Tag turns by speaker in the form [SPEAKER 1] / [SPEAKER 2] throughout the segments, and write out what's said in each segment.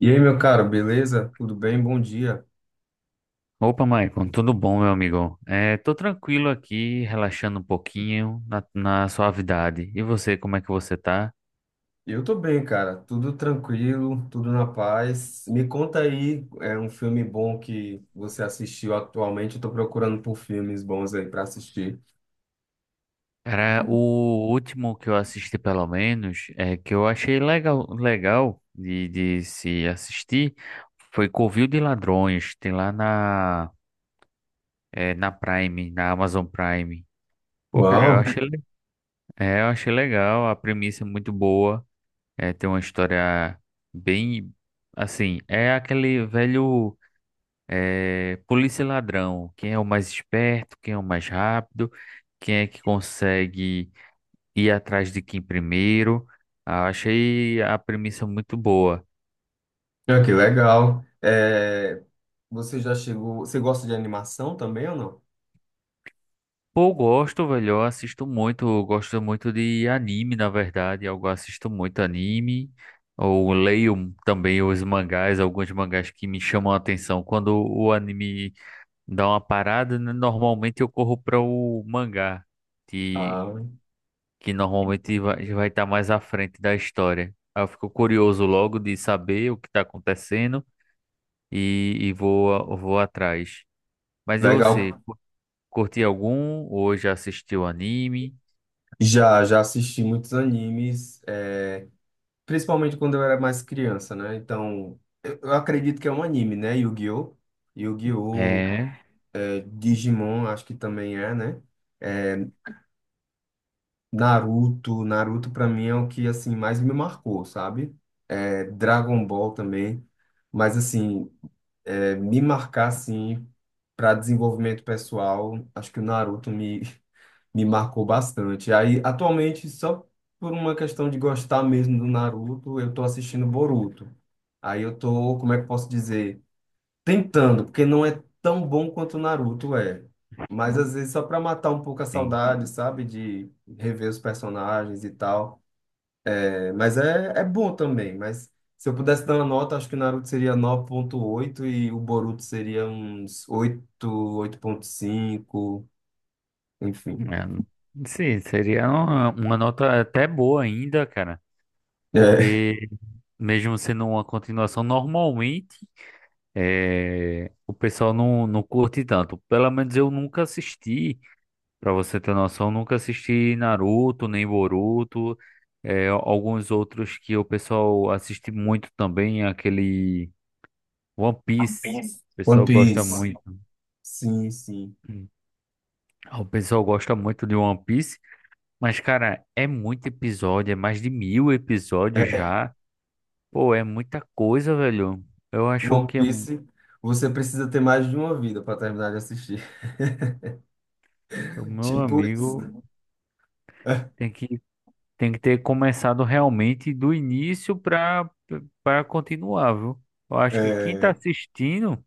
[SPEAKER 1] E aí, meu caro, beleza? Tudo bem? Bom dia.
[SPEAKER 2] Opa, Maicon, tudo bom, meu amigo? É, tô tranquilo aqui, relaxando um pouquinho na suavidade. E você, como é que você tá?
[SPEAKER 1] Eu tô bem, cara. Tudo tranquilo, tudo na paz. Me conta aí, é um filme bom que você assistiu atualmente? Eu tô procurando por filmes bons aí pra assistir.
[SPEAKER 2] Cara, o último que eu assisti, pelo menos, é que eu achei legal, legal de se assistir, foi Covil de Ladrões, tem lá na Prime, na Amazon Prime. Pô, cara, eu
[SPEAKER 1] Uau,
[SPEAKER 2] achei, eu achei legal, a premissa é muito boa, é, tem uma história bem, assim, é aquele velho. É, polícia e ladrão, quem é o mais esperto, quem é o mais rápido, quem é que consegue ir atrás de quem primeiro. Ah, achei a premissa muito boa.
[SPEAKER 1] ah, que legal. É, você já chegou. Você gosta de animação também ou não?
[SPEAKER 2] Pô, gosto, velho, eu assisto muito, eu gosto muito de anime, na verdade, eu assisto muito anime, ou leio também os mangás, alguns mangás que me chamam a atenção. Quando o anime dá uma parada, né, normalmente eu corro para o mangá
[SPEAKER 1] Ah,
[SPEAKER 2] que normalmente vai estar mais à frente da história. Aí eu fico curioso logo de saber o que está acontecendo e vou atrás. Mas e você,
[SPEAKER 1] legal.
[SPEAKER 2] curte algum ou já assistiu anime?
[SPEAKER 1] Já, já assisti muitos animes, é, principalmente quando eu era mais criança, né? Então, eu acredito que é um anime, né? Yu-Gi-Oh! Yu-Gi-Oh!
[SPEAKER 2] É,
[SPEAKER 1] Digimon, acho que também é, né? É, Naruto, Naruto pra mim é o que assim mais me marcou, sabe? É, Dragon Ball também, mas assim é, me marcar assim para desenvolvimento pessoal, acho que o Naruto me me marcou bastante. Aí atualmente só por uma questão de gostar mesmo do Naruto, eu tô assistindo Boruto. Aí eu tô, como é que eu posso dizer? Tentando, porque não é tão bom quanto o Naruto é. Mas às vezes só pra matar um pouco a
[SPEAKER 2] sim.
[SPEAKER 1] saudade, sabe? De rever os personagens e tal. É, mas é bom também. Mas se eu pudesse dar uma nota, acho que o Naruto seria 9,8 e o Boruto seria uns oito ponto cinco, enfim.
[SPEAKER 2] É, sim, seria uma nota até boa ainda, cara.
[SPEAKER 1] É.
[SPEAKER 2] Porque mesmo sendo uma continuação, normalmente é, o pessoal não curte tanto. Pelo menos eu nunca assisti. Pra você ter noção, nunca assisti Naruto, nem Boruto, é, alguns outros que o pessoal assiste muito também, aquele One Piece. O
[SPEAKER 1] One
[SPEAKER 2] pessoal gosta
[SPEAKER 1] Piece.
[SPEAKER 2] muito.
[SPEAKER 1] Sim, sim.
[SPEAKER 2] O pessoal gosta muito de One Piece, mas, cara, é muito episódio, é mais de 1000 episódios
[SPEAKER 1] É.
[SPEAKER 2] já. Pô, é muita coisa, velho. Eu acho
[SPEAKER 1] One
[SPEAKER 2] que é,
[SPEAKER 1] Piece, você precisa ter mais de uma vida pra terminar de assistir.
[SPEAKER 2] o meu
[SPEAKER 1] Tipo
[SPEAKER 2] amigo
[SPEAKER 1] isso.
[SPEAKER 2] tem que tem que ter começado realmente do início para continuar, viu? Eu acho que quem tá
[SPEAKER 1] É.
[SPEAKER 2] assistindo,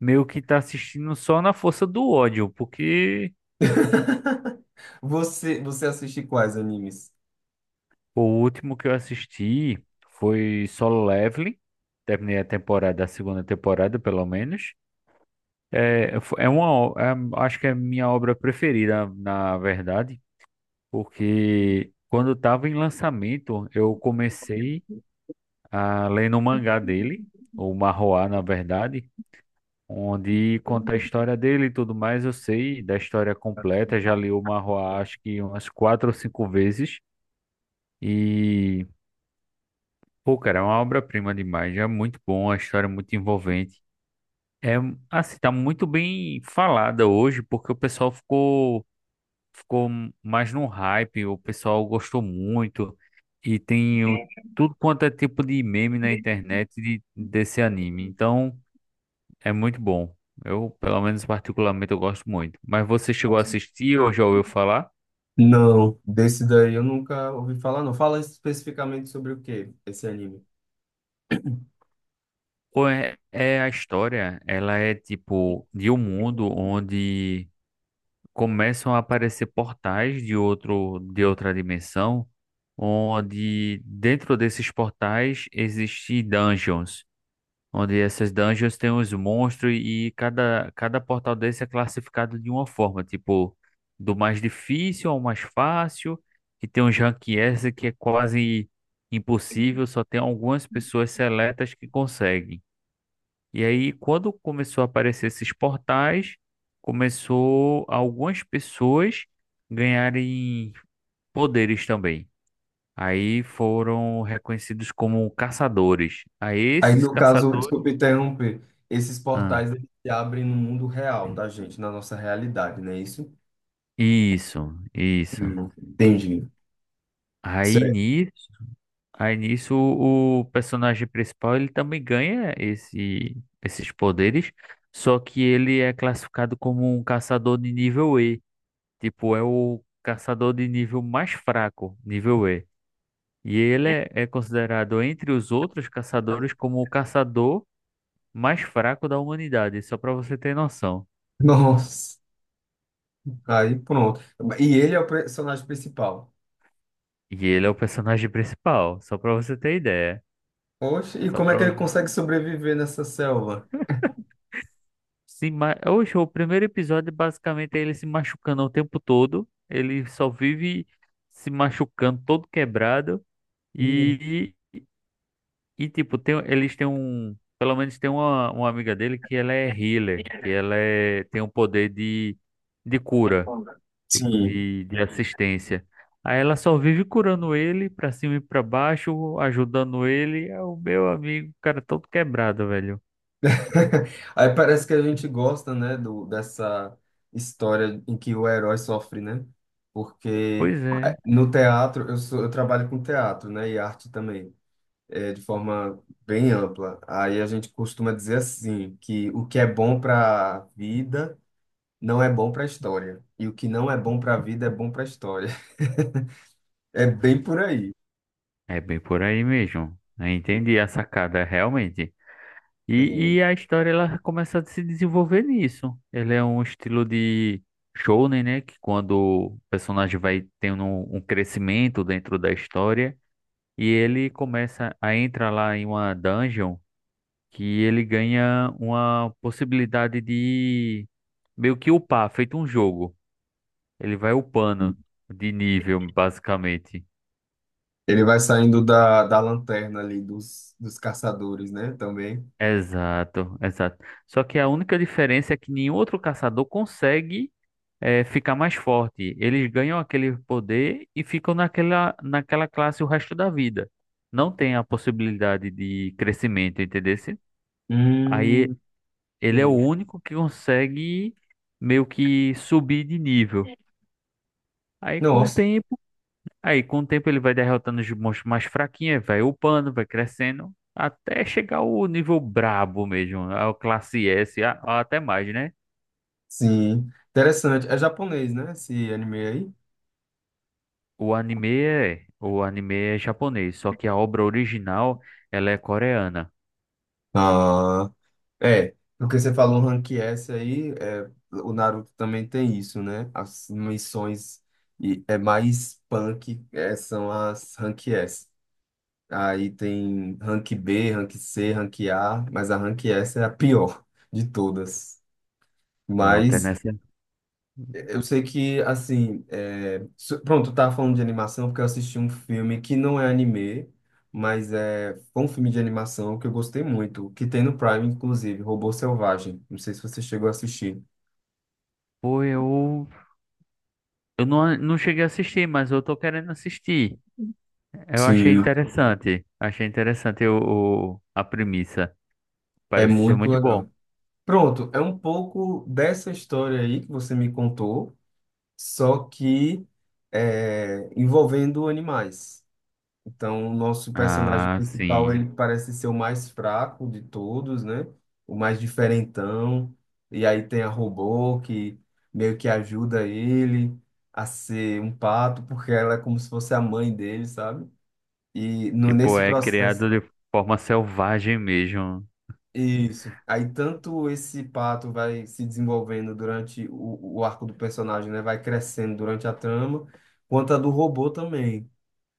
[SPEAKER 2] meio que tá assistindo só na força do ódio, porque
[SPEAKER 1] Você assiste quais animes?
[SPEAKER 2] o último que eu assisti foi Solo Leveling. Terminei a temporada, a segunda temporada, pelo menos. É, acho que é a minha obra preferida, na verdade, porque quando estava em lançamento, eu comecei a ler no mangá dele, o Marroá, na verdade. Onde conta a história dele e tudo mais. Eu sei da história completa, já li o Marroá acho que umas quatro ou cinco vezes. E, pô, cara, é uma obra-prima demais. É muito bom, a história é muito envolvente. É, assim, tá muito bem falada hoje, porque o pessoal ficou mais no hype, o pessoal gostou muito. E tem o, tudo quanto é tipo de meme na internet desse anime. Então. É muito bom. Eu, pelo menos particularmente, eu gosto muito. Mas você chegou a assistir ou já ouviu falar?
[SPEAKER 1] Não, desse daí eu nunca ouvi falar, não. Fala especificamente sobre o que esse anime.
[SPEAKER 2] Ou é, é a história, ela é tipo de um mundo onde começam a aparecer portais de outro, de outra dimensão, onde dentro desses portais existem dungeons. Onde essas dungeons tem os monstros e cada portal desse é classificado de uma forma, tipo, do mais difícil ao mais fácil, e tem uns rank S que é quase impossível, só tem algumas pessoas seletas que conseguem. E aí, quando começou a aparecer esses portais, começou algumas pessoas ganharem poderes também. Aí foram reconhecidos como caçadores. Aí
[SPEAKER 1] Aí,
[SPEAKER 2] esses
[SPEAKER 1] no caso, desculpa
[SPEAKER 2] caçadores.
[SPEAKER 1] interromper, esses
[SPEAKER 2] Ah,
[SPEAKER 1] portais eles se abrem no mundo real da gente, na nossa realidade, não é isso?
[SPEAKER 2] isso, isso.
[SPEAKER 1] Entendi.
[SPEAKER 2] Aí
[SPEAKER 1] Certo.
[SPEAKER 2] nisso, aí nisso o personagem principal ele também ganha esse, esses poderes, só que ele é classificado como um caçador de nível E. Tipo, é o caçador de nível mais fraco, nível E. E ele é, é considerado entre os outros caçadores como o caçador mais fraco da humanidade, só pra você ter noção.
[SPEAKER 1] Nossa, aí pronto. E ele é o personagem principal.
[SPEAKER 2] E ele é o personagem principal, só pra você ter ideia.
[SPEAKER 1] Oxe, e
[SPEAKER 2] Só
[SPEAKER 1] como é
[SPEAKER 2] pra
[SPEAKER 1] que ele consegue sobreviver nessa selva?
[SPEAKER 2] Se ma... Oxe, o primeiro episódio basicamente é ele se machucando o tempo todo. Ele só vive se machucando, todo quebrado.
[SPEAKER 1] Hum,
[SPEAKER 2] E, e tipo, tem, eles têm um. Pelo menos tem uma amiga dele que ela é healer, que ela é, tem um poder de cura, tipo,
[SPEAKER 1] Sim.
[SPEAKER 2] de assistência. Aí ela só vive curando ele pra cima e pra baixo, ajudando ele. É o meu amigo, o cara todo quebrado, velho.
[SPEAKER 1] Aí parece que a gente gosta, né, dessa história em que o herói sofre, né? Porque
[SPEAKER 2] Pois é.
[SPEAKER 1] no teatro, eu trabalho com teatro, né, e arte também, é, de forma bem ampla. Aí a gente costuma dizer assim, que o que é bom para a vida não é bom para a história, e o que não é bom para a vida é bom para a história. É bem por aí.
[SPEAKER 2] É bem por aí mesmo. Eu entendi a sacada, realmente. E
[SPEAKER 1] É,
[SPEAKER 2] a história ela começa a se desenvolver nisso. Ele é um estilo de shounen, né? Que quando o personagem vai tendo um, um crescimento dentro da história e ele começa a entrar lá em uma dungeon que ele ganha uma possibilidade de meio que upar, feito um jogo. Ele vai upando de nível, basicamente.
[SPEAKER 1] ele vai saindo da lanterna ali dos caçadores, né, também.
[SPEAKER 2] Exato, exato. Só que a única diferença é que nenhum outro caçador consegue ficar mais forte. Eles ganham aquele poder e ficam naquela, naquela classe o resto da vida. Não tem a possibilidade de crescimento, entendeu? Aí
[SPEAKER 1] Hum,
[SPEAKER 2] ele é o
[SPEAKER 1] sim.
[SPEAKER 2] único que consegue meio que subir de nível. Aí com o
[SPEAKER 1] Nossa,
[SPEAKER 2] tempo aí, com o tempo, ele vai derrotando os monstros mais fraquinhos, vai upando, vai crescendo, até chegar ao nível brabo mesmo, ao classe S, até mais, né?
[SPEAKER 1] sim. Interessante. É japonês, né? Esse anime aí.
[SPEAKER 2] O anime é japonês, só que a obra original, ela é coreana.
[SPEAKER 1] Ah, é. Porque você falou Rank S aí, é, o Naruto também tem isso, né? As missões e é mais punk, é, são as Rank S. Aí tem Rank B, Rank C, Rank A, mas a Rank S é a pior de todas.
[SPEAKER 2] Pronto, é
[SPEAKER 1] Mas
[SPEAKER 2] nessa.
[SPEAKER 1] eu sei que, assim, é... pronto, eu tava falando de animação porque eu assisti um filme que não é anime, mas foi um filme de animação que eu gostei muito, que tem no Prime, inclusive, Robô Selvagem. Não sei se você chegou a assistir.
[SPEAKER 2] Pô, eu não, não cheguei a assistir, mas eu tô querendo assistir. Eu
[SPEAKER 1] Sim.
[SPEAKER 2] achei interessante a premissa.
[SPEAKER 1] É
[SPEAKER 2] Parece ser
[SPEAKER 1] muito
[SPEAKER 2] muito bom.
[SPEAKER 1] legal. Pronto, é um pouco dessa história aí que você me contou, só que é, envolvendo animais. Então, o nosso personagem
[SPEAKER 2] Ah,
[SPEAKER 1] principal,
[SPEAKER 2] sim.
[SPEAKER 1] ele parece ser o mais fraco de todos, né? O mais diferentão. E aí tem a robô que meio que ajuda ele a ser um pato, porque ela é como se fosse a mãe dele, sabe? E no,
[SPEAKER 2] Tipo,
[SPEAKER 1] nesse
[SPEAKER 2] é
[SPEAKER 1] processo,
[SPEAKER 2] criado de forma selvagem mesmo.
[SPEAKER 1] isso. Aí tanto esse pato vai se desenvolvendo durante o arco do personagem, né? Vai crescendo durante a trama, quanto a do robô também.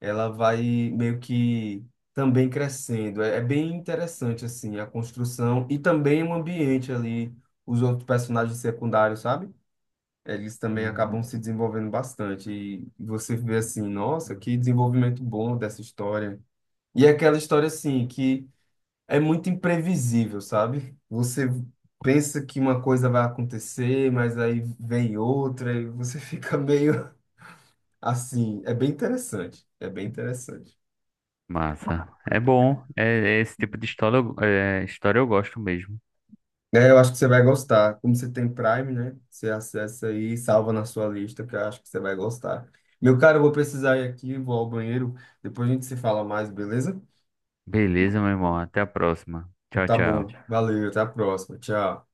[SPEAKER 1] Ela vai meio que também crescendo. É, é bem interessante, assim, a construção e também o ambiente ali, os outros personagens secundários, sabe? Eles também acabam
[SPEAKER 2] Hum,
[SPEAKER 1] se desenvolvendo bastante. E você vê assim, nossa, que desenvolvimento bom dessa história. E é aquela história, assim, que é muito imprevisível, sabe? Você pensa que uma coisa vai acontecer, mas aí vem outra e você fica meio assim. É bem interessante. É bem interessante.
[SPEAKER 2] massa. É bom. É, é esse tipo de história, história eu gosto mesmo.
[SPEAKER 1] É, eu acho que você vai gostar. Como você tem Prime, né? Você acessa aí e salva na sua lista, que eu acho que você vai gostar. Meu cara, eu vou precisar ir aqui, vou ao banheiro. Depois a gente se fala mais, beleza?
[SPEAKER 2] Beleza, meu irmão. Até a próxima.
[SPEAKER 1] Então,
[SPEAKER 2] Tchau,
[SPEAKER 1] tá bom.
[SPEAKER 2] tchau.
[SPEAKER 1] Valeu, até a próxima. Tchau.